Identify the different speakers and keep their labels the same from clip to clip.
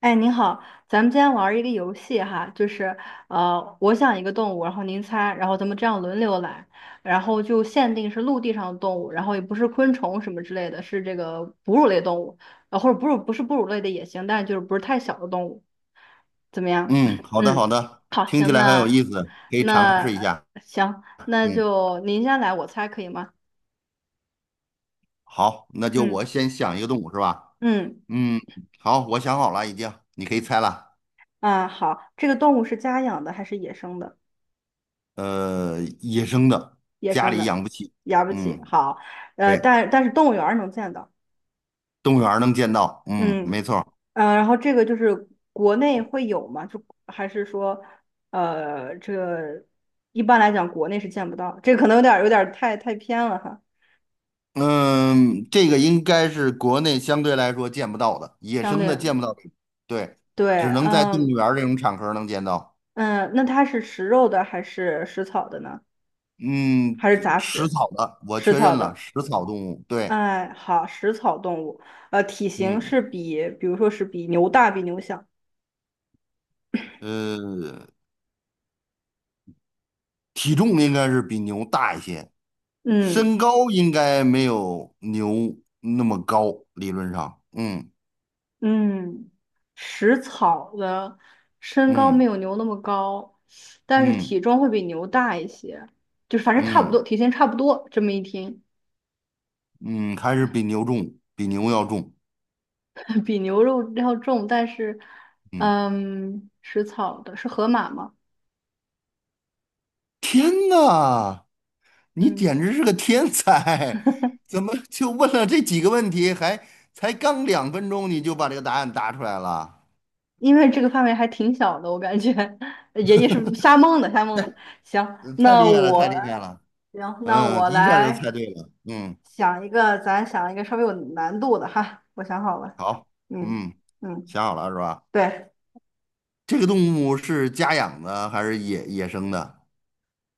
Speaker 1: 哎，您好，咱们今天玩儿一个游戏哈，就是我想一个动物，然后您猜，然后咱们这样轮流来，然后就限定是陆地上的动物，然后也不是昆虫什么之类的，是这个哺乳类动物，或者哺乳不是哺乳类的也行，但就是不是太小的动物，怎么样？
Speaker 2: 嗯，好的好
Speaker 1: 嗯，
Speaker 2: 的，
Speaker 1: 好，
Speaker 2: 听起
Speaker 1: 行，
Speaker 2: 来很有
Speaker 1: 那
Speaker 2: 意思，可以尝试一
Speaker 1: 那
Speaker 2: 下。
Speaker 1: 行，那
Speaker 2: 嗯，
Speaker 1: 就您先来，我猜可以吗？
Speaker 2: 好，那就我
Speaker 1: 嗯
Speaker 2: 先想一个动物是吧？
Speaker 1: 嗯
Speaker 2: 嗯，好，我想好了已经，你可以猜了。
Speaker 1: 啊，好，这个动物是家养的还是野生的？
Speaker 2: 野生的，
Speaker 1: 野
Speaker 2: 家
Speaker 1: 生
Speaker 2: 里
Speaker 1: 的，
Speaker 2: 养不起。
Speaker 1: 养不起。
Speaker 2: 嗯，
Speaker 1: 好，
Speaker 2: 对，
Speaker 1: 但是动物园儿能见到，
Speaker 2: 动物园儿能见到。嗯，
Speaker 1: 嗯
Speaker 2: 没错儿。
Speaker 1: 然后这个就是国内会有吗？就还是说，这个一般来讲国内是见不到，这个可能有点儿太偏了哈，
Speaker 2: 嗯，这个应该是国内相对来说见不到的，野
Speaker 1: 相
Speaker 2: 生
Speaker 1: 对
Speaker 2: 的见不到的。对，
Speaker 1: 对，
Speaker 2: 只能在动
Speaker 1: 嗯
Speaker 2: 物园儿这种场合能见到。
Speaker 1: 嗯，那它是食肉的还是食草的呢？
Speaker 2: 嗯，
Speaker 1: 还是杂
Speaker 2: 食
Speaker 1: 食？
Speaker 2: 草的，我
Speaker 1: 食
Speaker 2: 确
Speaker 1: 草
Speaker 2: 认了，
Speaker 1: 的。
Speaker 2: 食草动物。对，
Speaker 1: 哎，好，食草动物，体型
Speaker 2: 嗯。
Speaker 1: 是比如说是比牛大，比牛小。
Speaker 2: 呃，体重应该是比牛大一些，
Speaker 1: 嗯，
Speaker 2: 身高应该没有牛那么高，理论上，嗯。
Speaker 1: 嗯，食草的身高没
Speaker 2: 嗯
Speaker 1: 有牛那么高，但是
Speaker 2: 嗯
Speaker 1: 体重会比牛大一些，就是反正差不
Speaker 2: 嗯
Speaker 1: 多，体型差不多。这么一听，
Speaker 2: 嗯，还是比牛重，比牛要重。
Speaker 1: 比牛肉要重，但是，
Speaker 2: 嗯，
Speaker 1: 嗯，食草的是河马吗？
Speaker 2: 天呐，你
Speaker 1: 嗯，
Speaker 2: 简直是个天才，怎么就问了这几个问题，还才刚两分钟你就把这个答案答出来了，
Speaker 1: 因为这个范围还挺小的，我感觉 爷爷是瞎蒙的，瞎蒙的。行，
Speaker 2: 太
Speaker 1: 那
Speaker 2: 厉害了，太
Speaker 1: 我，
Speaker 2: 厉害了，
Speaker 1: 行，那
Speaker 2: 嗯，
Speaker 1: 我
Speaker 2: 一下就
Speaker 1: 来
Speaker 2: 猜对了，嗯，
Speaker 1: 想一个，咱想一个稍微有难度的哈，我想好了，
Speaker 2: 好，
Speaker 1: 嗯
Speaker 2: 嗯，
Speaker 1: 嗯。
Speaker 2: 想好了是吧？
Speaker 1: 对，
Speaker 2: 这个动物是家养的还是野生的？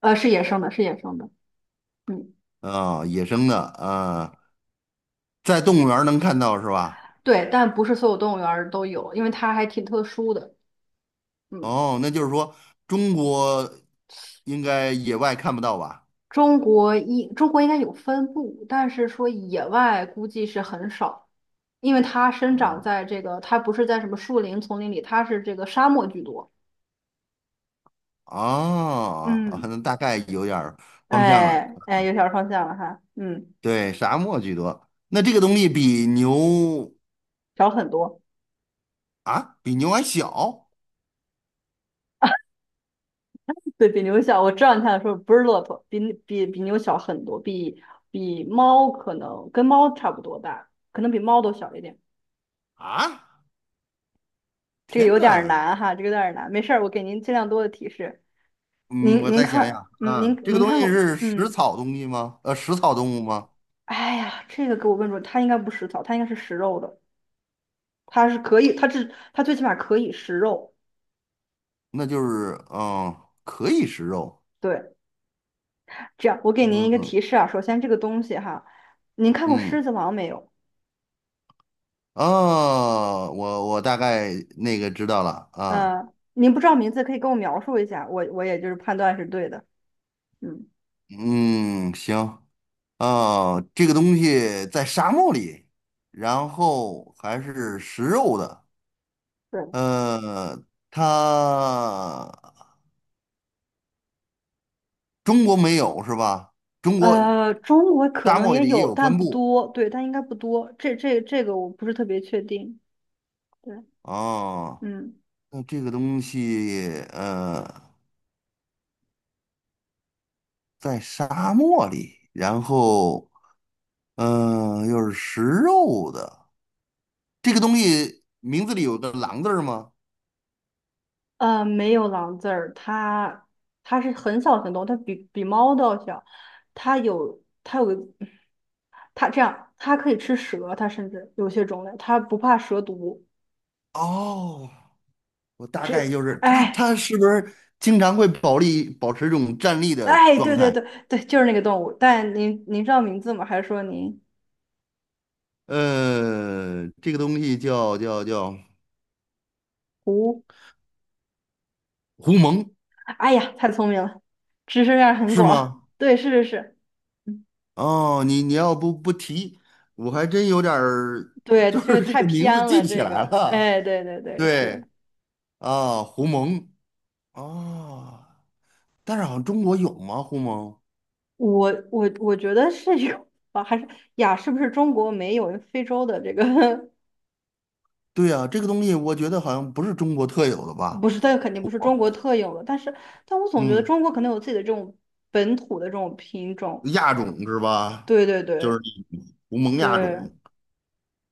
Speaker 1: 是野生的，是野生的，嗯，
Speaker 2: 啊、野生的啊、在动物园儿能看到是吧？
Speaker 1: 对，但不是所有动物园儿都有，因为它还挺特殊的，嗯，
Speaker 2: 哦，那就是说中国应该野外看不到吧？
Speaker 1: 中国应该有分布，但是说野外估计是很少，因为它生长
Speaker 2: 哦，
Speaker 1: 在这个，它不是在什么树林、丛林里，它是这个沙漠居多，
Speaker 2: 哦，啊
Speaker 1: 嗯，
Speaker 2: 那大概有点儿方向了。
Speaker 1: 哎哎，有小方向了哈，嗯，
Speaker 2: 对，沙漠居多。那这个东西比牛
Speaker 1: 小很多，
Speaker 2: 啊，比牛还小。
Speaker 1: 对比牛小，我知道你想说不是骆驼，比牛小很多，比猫可能跟猫差不多大，可能比猫都小一点。
Speaker 2: 啊！
Speaker 1: 这个
Speaker 2: 天
Speaker 1: 有点儿
Speaker 2: 呐，
Speaker 1: 难哈，这个有点儿难，没事儿，我给您尽量多的提示。
Speaker 2: 嗯，
Speaker 1: 您
Speaker 2: 我
Speaker 1: 您
Speaker 2: 再想想
Speaker 1: 看，嗯，
Speaker 2: 啊，
Speaker 1: 您
Speaker 2: 这个
Speaker 1: 您
Speaker 2: 东西
Speaker 1: 看过，
Speaker 2: 是
Speaker 1: 嗯，
Speaker 2: 食草动物吗？
Speaker 1: 哎呀，这个给我问住了，它应该不食草，它应该是食肉的，它是可以，它最起码可以食肉。
Speaker 2: 那就是嗯，可以食肉，
Speaker 1: 对，这样我给您一个
Speaker 2: 嗯，
Speaker 1: 提示啊，首先这个东西哈，您看过
Speaker 2: 嗯。
Speaker 1: 《狮子王》没有？
Speaker 2: 哦，我大概那个知道了啊，
Speaker 1: 您不知道名字可以跟我描述一下，我也就是判断是对的。嗯，
Speaker 2: 嗯，行。哦，这个东西在沙漠里，然后还是食肉的，
Speaker 1: 对。
Speaker 2: 呃，它中国没有是吧？中国
Speaker 1: 中国可
Speaker 2: 沙
Speaker 1: 能
Speaker 2: 漠
Speaker 1: 也
Speaker 2: 里也
Speaker 1: 有，
Speaker 2: 有
Speaker 1: 但
Speaker 2: 分
Speaker 1: 不
Speaker 2: 布。
Speaker 1: 多，对，但应该不多。这个我不是特别确定。对。
Speaker 2: 哦，
Speaker 1: 嗯，
Speaker 2: 那这个东西在沙漠里，然后嗯，又是食肉的，这个东西名字里有个狼字儿吗？
Speaker 1: 没有狼字儿，它是很小的很多，它比猫都要小，它有它有个它这样，它可以吃蛇，它甚至有些种类它不怕蛇毒。
Speaker 2: 哦，我大概就是它，
Speaker 1: 哎
Speaker 2: 它是不是经常会保持这种站立的
Speaker 1: 哎，
Speaker 2: 状
Speaker 1: 对对
Speaker 2: 态？
Speaker 1: 对对，就是那个动物。但您知道名字吗？还是说您
Speaker 2: 呃，这个东西叫
Speaker 1: 胡？
Speaker 2: 狐獴。
Speaker 1: 哎呀，太聪明了，知识面儿很
Speaker 2: 是
Speaker 1: 广。
Speaker 2: 吗？
Speaker 1: 对，是是是，嗯
Speaker 2: 哦，你要不提，我还真有点儿，
Speaker 1: 对，
Speaker 2: 就
Speaker 1: 这个
Speaker 2: 是这
Speaker 1: 太
Speaker 2: 个名字
Speaker 1: 偏
Speaker 2: 记
Speaker 1: 了，
Speaker 2: 不起
Speaker 1: 这
Speaker 2: 来
Speaker 1: 个，
Speaker 2: 了。
Speaker 1: 哎，对对对，是。
Speaker 2: 对啊，狐獴啊，但是好像中国有吗？狐獴？
Speaker 1: 我觉得是有吧，啊还是呀？是不是中国没有非洲的这个？
Speaker 2: 对呀，这个东西我觉得好像不是中国特有的
Speaker 1: 不
Speaker 2: 吧？
Speaker 1: 是，它肯定不是中国特有的，但我总觉得
Speaker 2: 嗯，
Speaker 1: 中国可能有自己的这种本土的这种品种。
Speaker 2: 亚种是吧？
Speaker 1: 对对
Speaker 2: 就是
Speaker 1: 对
Speaker 2: 胡蒙亚
Speaker 1: 对
Speaker 2: 种。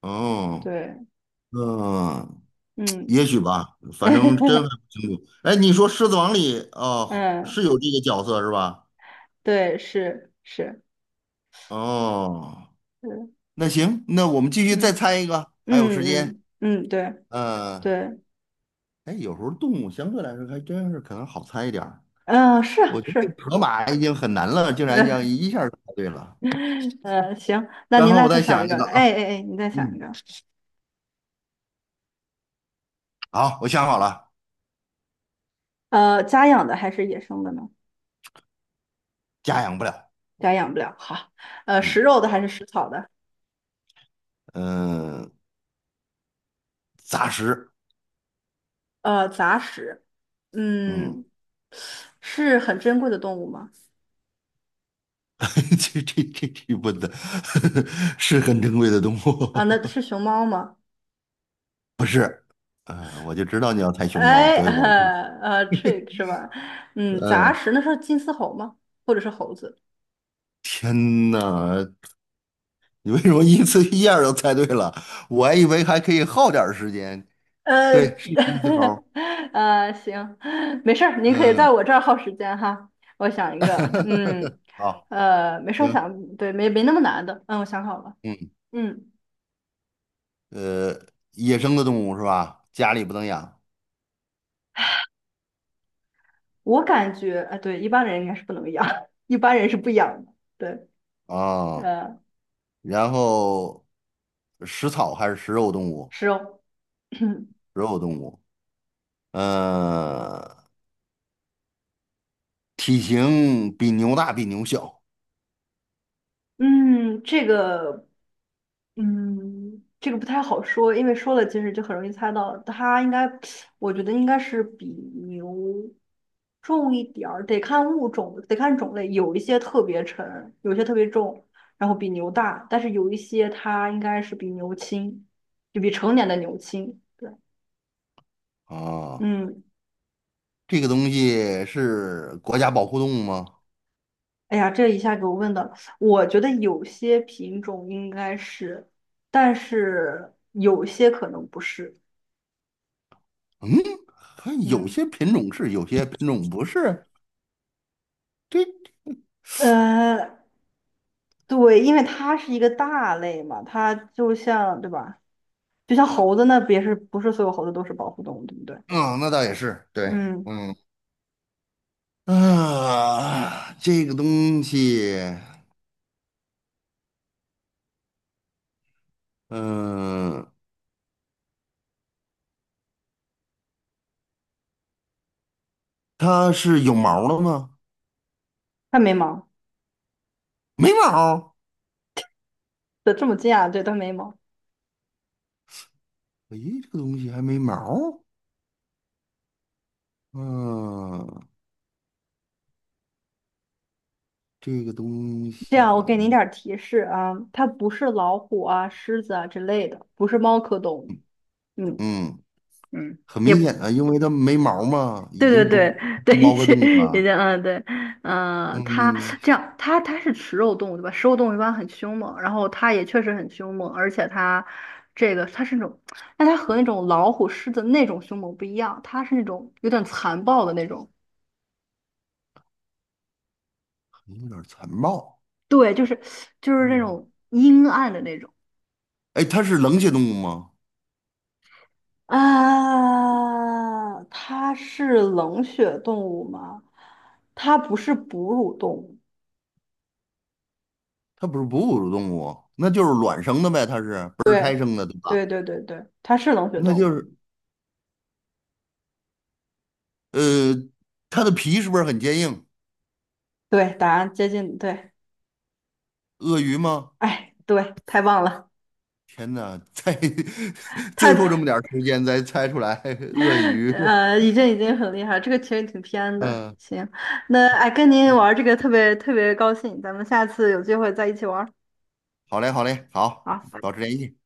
Speaker 2: 哦，
Speaker 1: 对，
Speaker 2: 嗯，
Speaker 1: 嗯
Speaker 2: 也许吧，反正真还 不清楚。哎，你说《狮子王》里哦
Speaker 1: 嗯，
Speaker 2: 是有这个角色是吧？
Speaker 1: 对，是是
Speaker 2: 哦，
Speaker 1: 是，
Speaker 2: 那行，那我们继续再
Speaker 1: 嗯
Speaker 2: 猜一个，还有时
Speaker 1: 嗯
Speaker 2: 间。
Speaker 1: 嗯嗯，对
Speaker 2: 嗯，
Speaker 1: 对，
Speaker 2: 哎，有时候动物相对来说还真是可能好猜一点儿。
Speaker 1: 嗯、是啊
Speaker 2: 我觉得这
Speaker 1: 是，
Speaker 2: 个河马已经很难了，竟 然这样
Speaker 1: 嗯
Speaker 2: 一下就猜对了。
Speaker 1: 嗯，行，那
Speaker 2: 然
Speaker 1: 您
Speaker 2: 后
Speaker 1: 来
Speaker 2: 我
Speaker 1: 再
Speaker 2: 再
Speaker 1: 想一
Speaker 2: 想
Speaker 1: 个，
Speaker 2: 一个
Speaker 1: 哎
Speaker 2: 啊，
Speaker 1: 哎哎，你再想一
Speaker 2: 嗯。
Speaker 1: 个，
Speaker 2: 好，我想好了，
Speaker 1: 家养的还是野生的呢？
Speaker 2: 家养不了。
Speaker 1: 家养不了。好，食肉
Speaker 2: 嗯。
Speaker 1: 的还是食草的？
Speaker 2: 嗯、呃杂食。
Speaker 1: 杂食。
Speaker 2: 嗯，
Speaker 1: 嗯，是很珍贵的动物吗？
Speaker 2: 这蚊子 是很珍贵的动
Speaker 1: 啊，
Speaker 2: 物，
Speaker 1: 那是熊猫吗？
Speaker 2: 不是？呃，我就知道你要猜熊猫，
Speaker 1: 哎，
Speaker 2: 所以我不。
Speaker 1: trick 是吧？嗯，杂
Speaker 2: 嗯、
Speaker 1: 食那是金丝猴吗？或者是猴子？
Speaker 2: 天呐，你为什么一次一下就猜对了？我还以为还可以耗点儿时间。
Speaker 1: 呃，
Speaker 2: 对，是金丝猴儿。
Speaker 1: 行，没事儿，您可以在
Speaker 2: 嗯，
Speaker 1: 我这儿耗时间哈。我想一个，嗯，
Speaker 2: 好，
Speaker 1: 没事儿，我
Speaker 2: 行，
Speaker 1: 想，对，没那么难的，嗯，我想好了，
Speaker 2: 嗯，
Speaker 1: 嗯，
Speaker 2: 呃，野生的动物是吧？家里不能养啊。
Speaker 1: 我感觉啊，对，一般人应该是不能养，一般人是不养的。对，
Speaker 2: 哦，
Speaker 1: 呃，
Speaker 2: 然后食草还是食肉动物？
Speaker 1: 是哦，
Speaker 2: 食肉动物，呃，体型比牛大，比牛小
Speaker 1: 嗯，这个，嗯，这个不太好说，因为说了其实就很容易猜到，它应该，我觉得应该是比牛重一点儿，得看物种，得看种类，有一些特别沉，有一些特别重，然后比牛大，但是有一些它应该是比牛轻，就比成年的牛轻。对，
Speaker 2: 啊。
Speaker 1: 嗯，
Speaker 2: 这个东西是国家保护动物吗？
Speaker 1: 哎呀，这一下给我问的，我觉得有些品种应该是，但是有些可能不是。
Speaker 2: 嗯，还有
Speaker 1: 嗯，
Speaker 2: 些品种是，有些品种不是。这，
Speaker 1: 呃，对，因为它是一个大类嘛，它就像，对吧？就像猴子那别是不是所有猴子都是保护动物，对不对？
Speaker 2: 啊，那倒也是，对，
Speaker 1: 嗯，
Speaker 2: 嗯，啊，这个东西，嗯、它是有毛儿的吗？
Speaker 1: 它没毛，
Speaker 2: 没毛儿。
Speaker 1: 对，这么近啊，对，它没毛。
Speaker 2: 诶，这个东西还没毛儿。嗯，这个东
Speaker 1: 这样，我
Speaker 2: 西，
Speaker 1: 给您点儿提示啊，它不是老虎啊、狮子啊之类的，不是猫科动物。嗯
Speaker 2: 嗯，
Speaker 1: 嗯，
Speaker 2: 很
Speaker 1: 也
Speaker 2: 明
Speaker 1: 不。
Speaker 2: 显啊，因为它没毛儿嘛，
Speaker 1: 对
Speaker 2: 已
Speaker 1: 对
Speaker 2: 经不
Speaker 1: 对对，一
Speaker 2: 猫个
Speaker 1: 些
Speaker 2: 物
Speaker 1: 一
Speaker 2: 了。
Speaker 1: 些，嗯，对，嗯，它
Speaker 2: 嗯，
Speaker 1: 这样，它是食肉动物对吧？食肉动物一般很凶猛，然后它也确实很凶猛，而且它这个它是那种，但它和那种老虎、狮子那种凶猛不一样，它是那种有点残暴的那种，
Speaker 2: 有点残暴。
Speaker 1: 对，就是那
Speaker 2: 嗯，
Speaker 1: 种阴暗的那种。
Speaker 2: 哎，它是冷血动物吗？
Speaker 1: 啊，它是冷血动物吗？它不是哺乳动物。
Speaker 2: 它不是哺乳动物，那就是卵生的呗，它是不是胎
Speaker 1: 对，
Speaker 2: 生的，对吧？
Speaker 1: 对对对对，它是冷血
Speaker 2: 那
Speaker 1: 动
Speaker 2: 就
Speaker 1: 物。
Speaker 2: 是呃，它的皮是不是很坚硬？
Speaker 1: 对，答案接近对，
Speaker 2: 鳄鱼吗？
Speaker 1: 哎，对，太棒了，
Speaker 2: 天哪，在
Speaker 1: 太，
Speaker 2: 最后这么点儿时间才猜出来鳄 鱼。
Speaker 1: 已经很厉害了，这个其实挺偏的。行，那哎，跟您
Speaker 2: 嗯，嗯，
Speaker 1: 玩这个特别特别高兴，咱们下次有机会再一起玩儿。
Speaker 2: 好嘞，好嘞，好，
Speaker 1: 好，
Speaker 2: 保持联系。